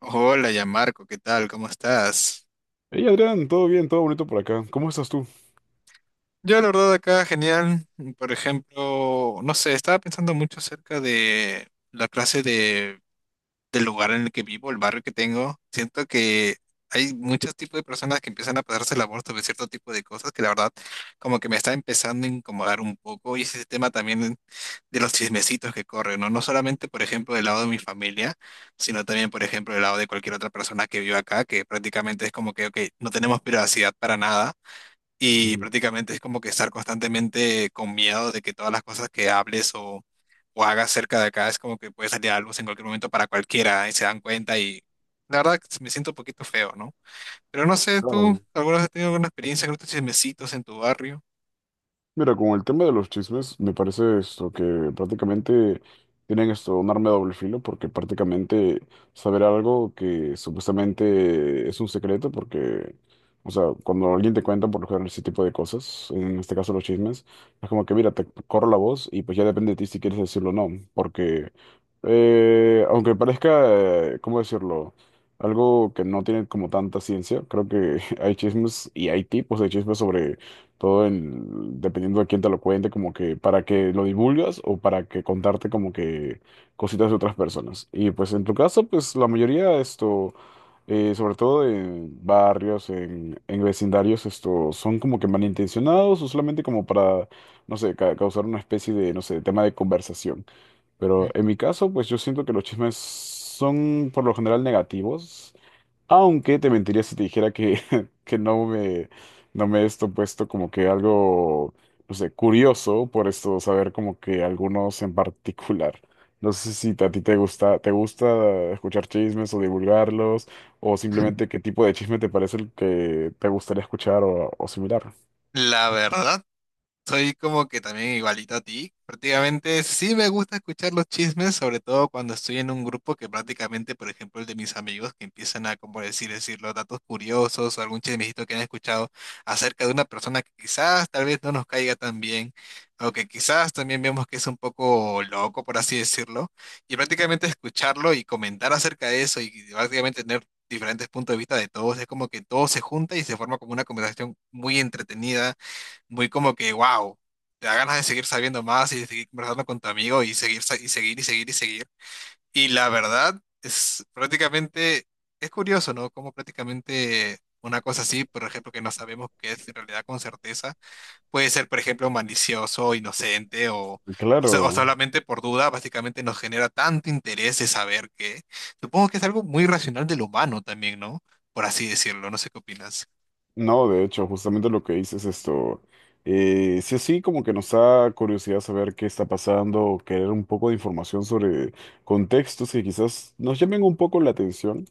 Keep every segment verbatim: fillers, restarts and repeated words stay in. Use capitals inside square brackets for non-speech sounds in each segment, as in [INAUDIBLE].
Hola, ya Marco, ¿qué tal? ¿Cómo estás? Hey Adrián, todo bien, todo bonito por acá. ¿Cómo estás tú? Yo, la verdad, acá genial. Por ejemplo, no sé, estaba pensando mucho acerca de la clase de del lugar en el que vivo, el barrio que tengo, siento que hay muchos tipos de personas que empiezan a pasarse la voz sobre cierto tipo de cosas que la verdad como que me está empezando a incomodar un poco y ese tema también de los chismecitos que corren, ¿no? No solamente, por ejemplo, del lado de mi familia, sino también, por ejemplo, del lado de cualquier otra persona que vive acá, que prácticamente es como que, ok, no tenemos privacidad para nada y Ujú. prácticamente es como que estar constantemente con miedo de que todas las cosas que hables o, o hagas cerca de acá es como que puede salir algo en cualquier momento para cualquiera y se dan cuenta y la verdad que me siento un poquito feo, ¿no? Pero no sé, tú, Claro. ¿alguna vez has tenido alguna experiencia con estos chismecitos en tu barrio? Mira, con el tema de los chismes, me parece esto que prácticamente tienen esto un arma de doble filo, porque prácticamente saber algo que supuestamente es un secreto, porque, o sea, cuando alguien te cuenta por lo general ese tipo de cosas, en este caso los chismes, es como que, mira, te corro la voz y pues ya depende de ti si quieres decirlo o no, porque eh, aunque parezca, eh, ¿cómo decirlo? Algo que no tiene como tanta ciencia, creo que [LAUGHS] hay chismes y hay tipos de chismes sobre todo en, dependiendo de quién te lo cuente, como que para que lo divulgas o para que contarte como que cositas de otras personas. Y pues en tu caso, pues la mayoría esto, eh, sobre todo en barrios, en, en vecindarios, esto son como que malintencionados o solamente como para, no sé, ca- causar una especie de, no sé, tema de conversación. Pero en Ujú. mi caso, pues yo siento que los chismes son por lo general negativos. Aunque te mentiría si te dijera que, [LAUGHS] que no me, no me he esto puesto como que algo, no sé, curioso por esto, saber como que algunos en particular. No sé si a ti te gusta, te gusta escuchar chismes o divulgarlos, o simplemente qué tipo de chisme te parece el que te gustaría escuchar o, o similar. La verdad. Soy como que también igualito a ti. Prácticamente sí me gusta escuchar los chismes, sobre todo cuando estoy en un grupo que prácticamente, por ejemplo, el de mis amigos que empiezan a, como decir, decir los datos curiosos o algún chismecito que han escuchado acerca de una persona que quizás tal vez no nos caiga tan bien o que quizás también vemos que es un poco loco, por así decirlo. Y prácticamente escucharlo y comentar acerca de eso y prácticamente tener diferentes puntos de vista de todos, es como que todo se junta y se forma como una conversación muy entretenida muy como que, wow, te da ganas de seguir sabiendo más y de seguir conversando con tu amigo y seguir, sa- y seguir, y seguir, y seguir. Y la verdad es prácticamente, es curioso, ¿no? Como prácticamente una cosa así, por ejemplo, que no sabemos qué es en realidad con certeza, puede ser, por ejemplo, malicioso, inocente o, o, so- o Claro. solamente por duda, básicamente nos genera tanto interés de saber que, supongo que es algo muy racional del humano también, ¿no? Por así decirlo, no sé qué opinas. No, de hecho, justamente lo que dices esto, eh, sí, sí, como que nos da curiosidad saber qué está pasando, querer un poco de información sobre contextos que quizás nos llamen un poco la atención.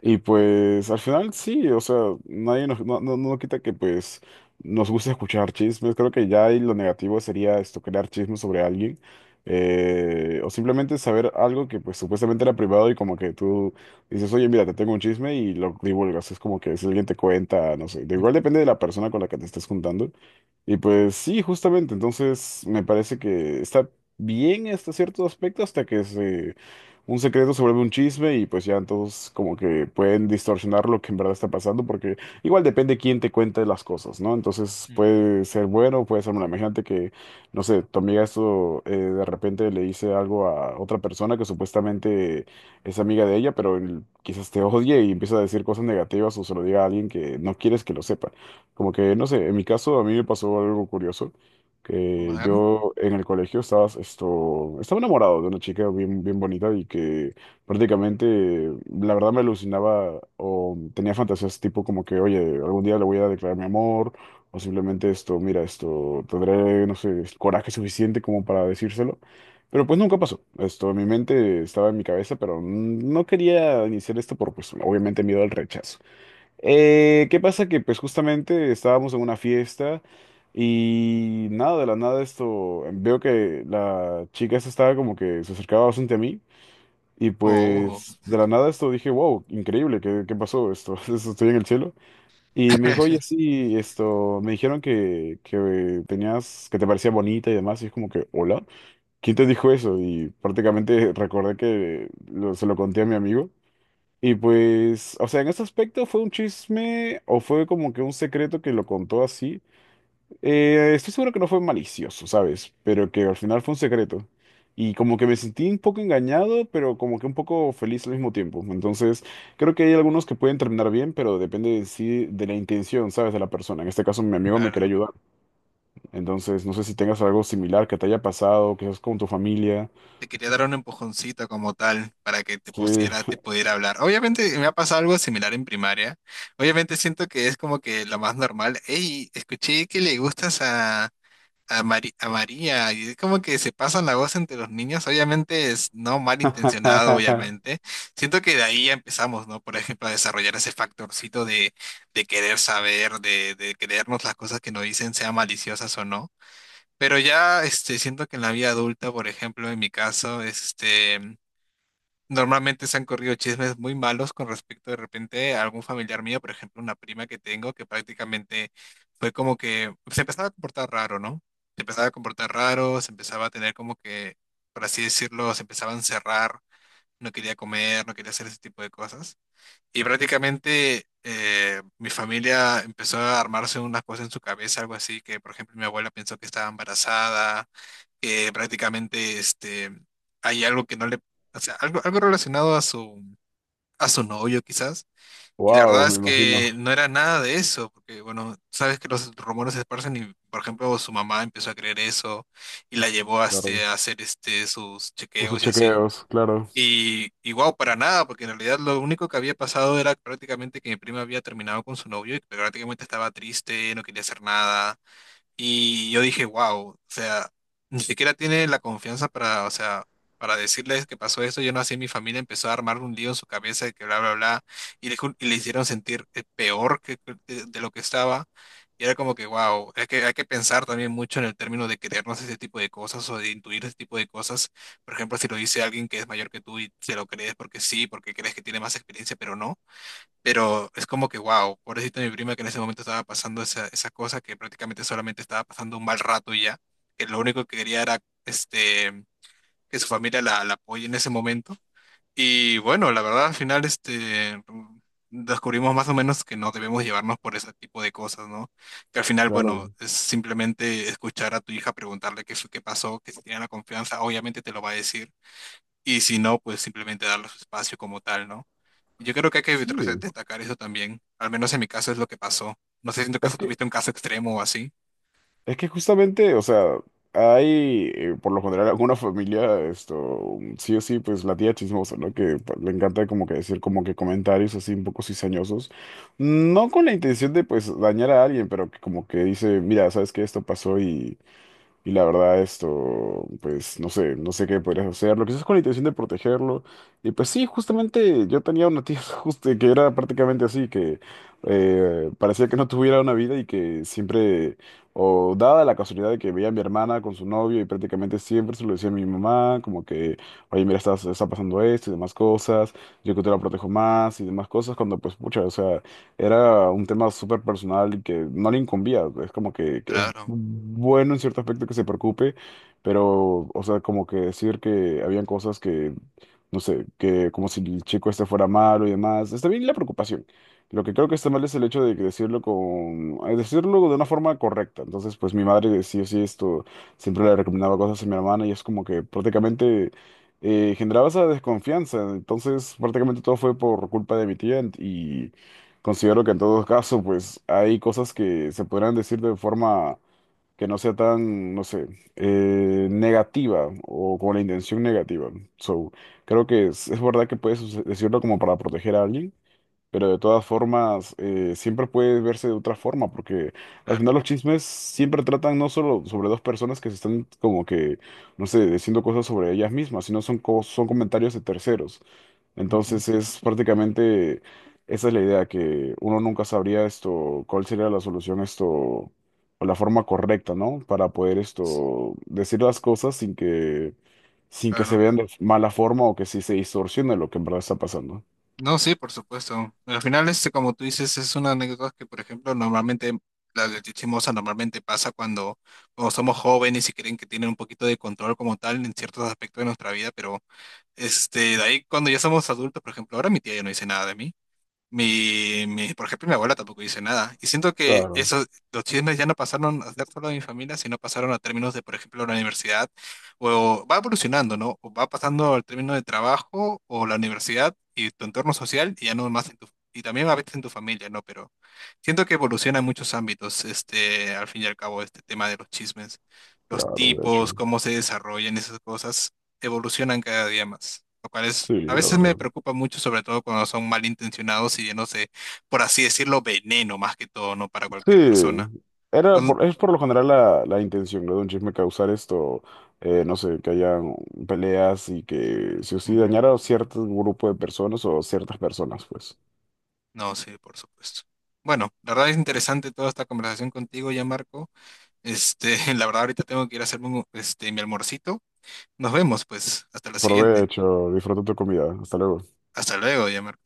Y pues al final sí, o sea, nadie nos, no, no, no quita que pues nos gusta escuchar chismes. Creo que ya ahí lo negativo sería esto, crear chismes sobre alguien. eh, o simplemente saber algo que pues supuestamente era privado y como que tú dices, oye, mira, te tengo un chisme y lo divulgas. Es como que si alguien te cuenta, no sé. De igual depende de la persona con la que te estés juntando. Y pues sí, justamente. Entonces me parece que está bien hasta cierto aspecto hasta que se un secreto se vuelve un chisme y pues ya todos como que pueden distorsionar lo que en verdad está pasando porque igual depende quién te cuente las cosas, ¿no? Entonces Ujú. puede ser bueno, puede ser malo. Imagínate que, no sé, tu amiga esto eh, de repente le dice algo a otra persona que supuestamente es amiga de ella, pero él quizás te odie y empieza a decir cosas negativas o se lo diga a alguien que no quieres que lo sepa. Como que, no sé, en mi caso a mí me pasó algo curioso A que ver. yo en el colegio estaba, esto, estaba enamorado de una chica bien, bien bonita y que prácticamente, la verdad, me alucinaba o tenía fantasías tipo como que, oye, algún día le voy a declarar mi amor o simplemente esto, mira, esto, tendré, no sé, el coraje suficiente como para decírselo. Pero pues nunca pasó. Esto en mi mente estaba en mi cabeza, pero no quería iniciar esto por, pues, obviamente miedo al rechazo. Eh, ¿qué pasa? Que pues justamente estábamos en una fiesta y nada, de la nada esto, veo que la chica esta estaba como que se acercaba bastante a mí y Oh, pues de la nada esto dije, wow, increíble, ¿qué, ¿qué pasó esto? [LAUGHS] Esto, estoy en el cielo. Y me dijo, oye, [LAUGHS] sí, esto, me dijeron que, que tenías, que te parecía bonita y demás y es como que, hola, ¿quién te dijo eso? Y prácticamente [LAUGHS] recordé que lo- se lo conté a mi amigo. Y pues, o sea, en ese aspecto fue un chisme o fue como que un secreto que lo contó así. Eh, estoy seguro que no fue malicioso, ¿sabes? Pero que al final fue un secreto. Y como que me sentí un poco engañado, pero como que un poco feliz al mismo tiempo. Entonces, creo que hay algunos que pueden terminar bien, pero depende de sí, de la intención, ¿sabes? De la persona. En este caso, mi amigo me quería claro. ayudar. Entonces, no sé si tengas algo similar que te haya pasado, que es con tu familia. Te quería dar un empujoncito como tal para que te Sí. pusiera, te pudiera hablar. Obviamente me ha pasado algo similar en primaria. Obviamente siento que es como que lo más normal. Hey, escuché que le gustas a, a, Mari- a María. Y es como que se pasan la voz entre los niños. Obviamente es no malintencionado, [LAUGHS] obviamente. Siento que de ahí ya empezamos, ¿no? Por ejemplo, a desarrollar ese factorcito de, de querer saber, de, de creernos las cosas que nos dicen, sean maliciosas o no. Pero ya este, siento que en la vida adulta, por ejemplo, en mi caso, este, normalmente se han corrido chismes muy malos con respecto de repente a algún familiar mío, por ejemplo, una prima que tengo que prácticamente fue como que se empezaba a comportar raro, ¿no? Se empezaba a comportar raro, se empezaba a tener como que, por así decirlo, se empezaba a encerrar, no quería comer, no quería hacer ese tipo de cosas. Y prácticamente eh, mi familia empezó a armarse unas cosas en su cabeza, algo así, que por ejemplo mi abuela pensó que estaba embarazada que prácticamente este, hay algo que no le, o sea, algo, algo relacionado a su, a su novio quizás. Y la Wow, verdad me es imagino. que no era nada de eso, porque bueno, sabes que los rumores se esparcen y, por ejemplo, su mamá empezó a creer eso y la llevó a, Claro. este, a hacer este, sus O sus chequeos y así. chequeos, claro, Y, y wow, para nada, porque en realidad lo único que había pasado era prácticamente que mi prima había terminado con su novio y que prácticamente estaba triste, no quería hacer nada. Y yo dije, wow, o sea, ni siquiera tiene la confianza para, o sea, para decirles que pasó esto. Yo no sé, mi familia empezó a armar un lío en su cabeza de que bla, bla, bla, y le, ju- y le hicieron sentir eh, peor que, que- de, de lo que estaba. Y era como que, wow, hay que, hay que pensar también mucho en el término de creernos ese tipo de cosas o de intuir ese tipo de cosas. Por ejemplo, si lo dice alguien que es mayor que tú y se lo crees porque sí, porque crees que tiene más experiencia, pero no. Pero es como que, wow, pobrecita mi prima que en ese momento estaba pasando esa, esa cosa que prácticamente solamente estaba pasando un mal rato y ya, que lo único que quería era este, que su familia la, la apoye en ese momento. Y bueno, la verdad al final este, descubrimos más o menos que no debemos llevarnos por ese tipo de cosas, ¿no? Que al final, claro. bueno, es simplemente escuchar a tu hija preguntarle qué fue, qué pasó, que si tiene la confianza, obviamente te lo va a decir. Y si no, pues simplemente darle su espacio como tal, ¿no? Yo creo que hay que re- Sí, destacar eso también. Al menos en mi caso es lo que pasó. No sé si en tu es caso que, tuviste un caso extremo o así. es que justamente, o sea, hay, eh, por lo general, alguna familia, esto, sí o sí, pues la tía chismosa, ¿no? Que pa- le encanta como que decir como que comentarios así un poco cizañosos, no con la intención de pues dañar a alguien, pero que como que dice, mira, sabes que esto pasó y Y la verdad, esto, pues no sé, no sé qué podrías hacer. Lo que sí es con la intención de protegerlo. Y pues sí, justamente yo tenía una tía [LAUGHS] justo que era prácticamente así, que eh, parecía que no tuviera una vida y que siempre, o dada la casualidad de que veía a mi hermana con su novio y prácticamente siempre se lo decía a mi mamá, como que, oye, mira, está, está pasando esto y demás cosas, yo que te la protejo más y demás cosas, cuando pues, pucha, o sea era un tema súper personal y que no le incumbía. Es como que que es Claro, bueno en cierto aspecto que se preocupe, pero, o sea, como que decir que habían cosas que, no sé, que como si el chico este fuera malo y demás. Está bien la preocupación. Lo que creo que está mal es el hecho de que decirlo con, eh, decirlo de una forma correcta. Entonces, pues mi madre sí o sí esto, siempre le recomendaba cosas a mi hermana y es como que prácticamente eh, generaba esa desconfianza. Entonces, prácticamente todo fue por culpa de mi tía y considero que en todo caso, pues hay cosas que se podrán decir de forma que no sea tan, no sé, eh, negativa o con la intención negativa. So, creo que es, es verdad que puedes us- decirlo como para proteger a alguien, pero de todas formas eh, siempre puede verse de otra forma, porque al final claro. los chismes siempre tratan no solo sobre dos personas que se están como que, no sé, diciendo cosas sobre ellas mismas, sino son, co- son comentarios de terceros. Ujú. Entonces es prácticamente, esa es la idea, que uno nunca sabría esto, cuál sería la solución esto, o la forma correcta, ¿no? Para poder esto, decir las cosas sin que, sin que se Claro. vean de mala forma o que sí se distorsione lo que en verdad está pasando. No, sí, por supuesto. Al final, este, como tú dices, es una anécdota que, por ejemplo, normalmente la de chismosa normalmente pasa cuando, cuando somos jóvenes y creen que tienen un poquito de control como tal en ciertos aspectos de nuestra vida, pero este, de ahí cuando ya somos adultos, por ejemplo, ahora mi tía ya no dice nada de mí. Mi, mi, por ejemplo, mi abuela tampoco dice nada. Y siento que Claro, esos, los chismes ya no pasaron a ser solo de mi familia, sino pasaron a términos de, por ejemplo, la universidad. O va evolucionando, ¿no? O va pasando al término de trabajo o la universidad y tu entorno social y ya no más en tu, y también a veces en tu familia, ¿no? Pero siento que evoluciona en muchos ámbitos, este, al fin y al cabo, este tema de los chismes, los claro, de tipos, hecho. cómo se desarrollan esas cosas evolucionan cada día más, lo cual es, Sí, a la veces me verdad. preocupa mucho, sobre todo cuando son malintencionados y llenos de, por así decirlo, veneno más que todo, ¿no? Para Sí, cualquier persona. era Cuando- por, es por lo general la, la intención, ¿no? De un chisme causar esto, eh, no sé, que haya peleas y que sí o sí Ujú. dañara a cierto grupo de personas o ciertas personas, pues. No, sí, por supuesto. Bueno, la verdad es interesante toda esta conversación contigo ya, Marco. Este, [LAUGHS] la verdad ahorita tengo que ir a hacerme un- este, mi almorcito. Nos vemos, pues, hasta la siguiente. Provecho, disfruta tu comida. Hasta luego. Hasta luego, ya, Marco.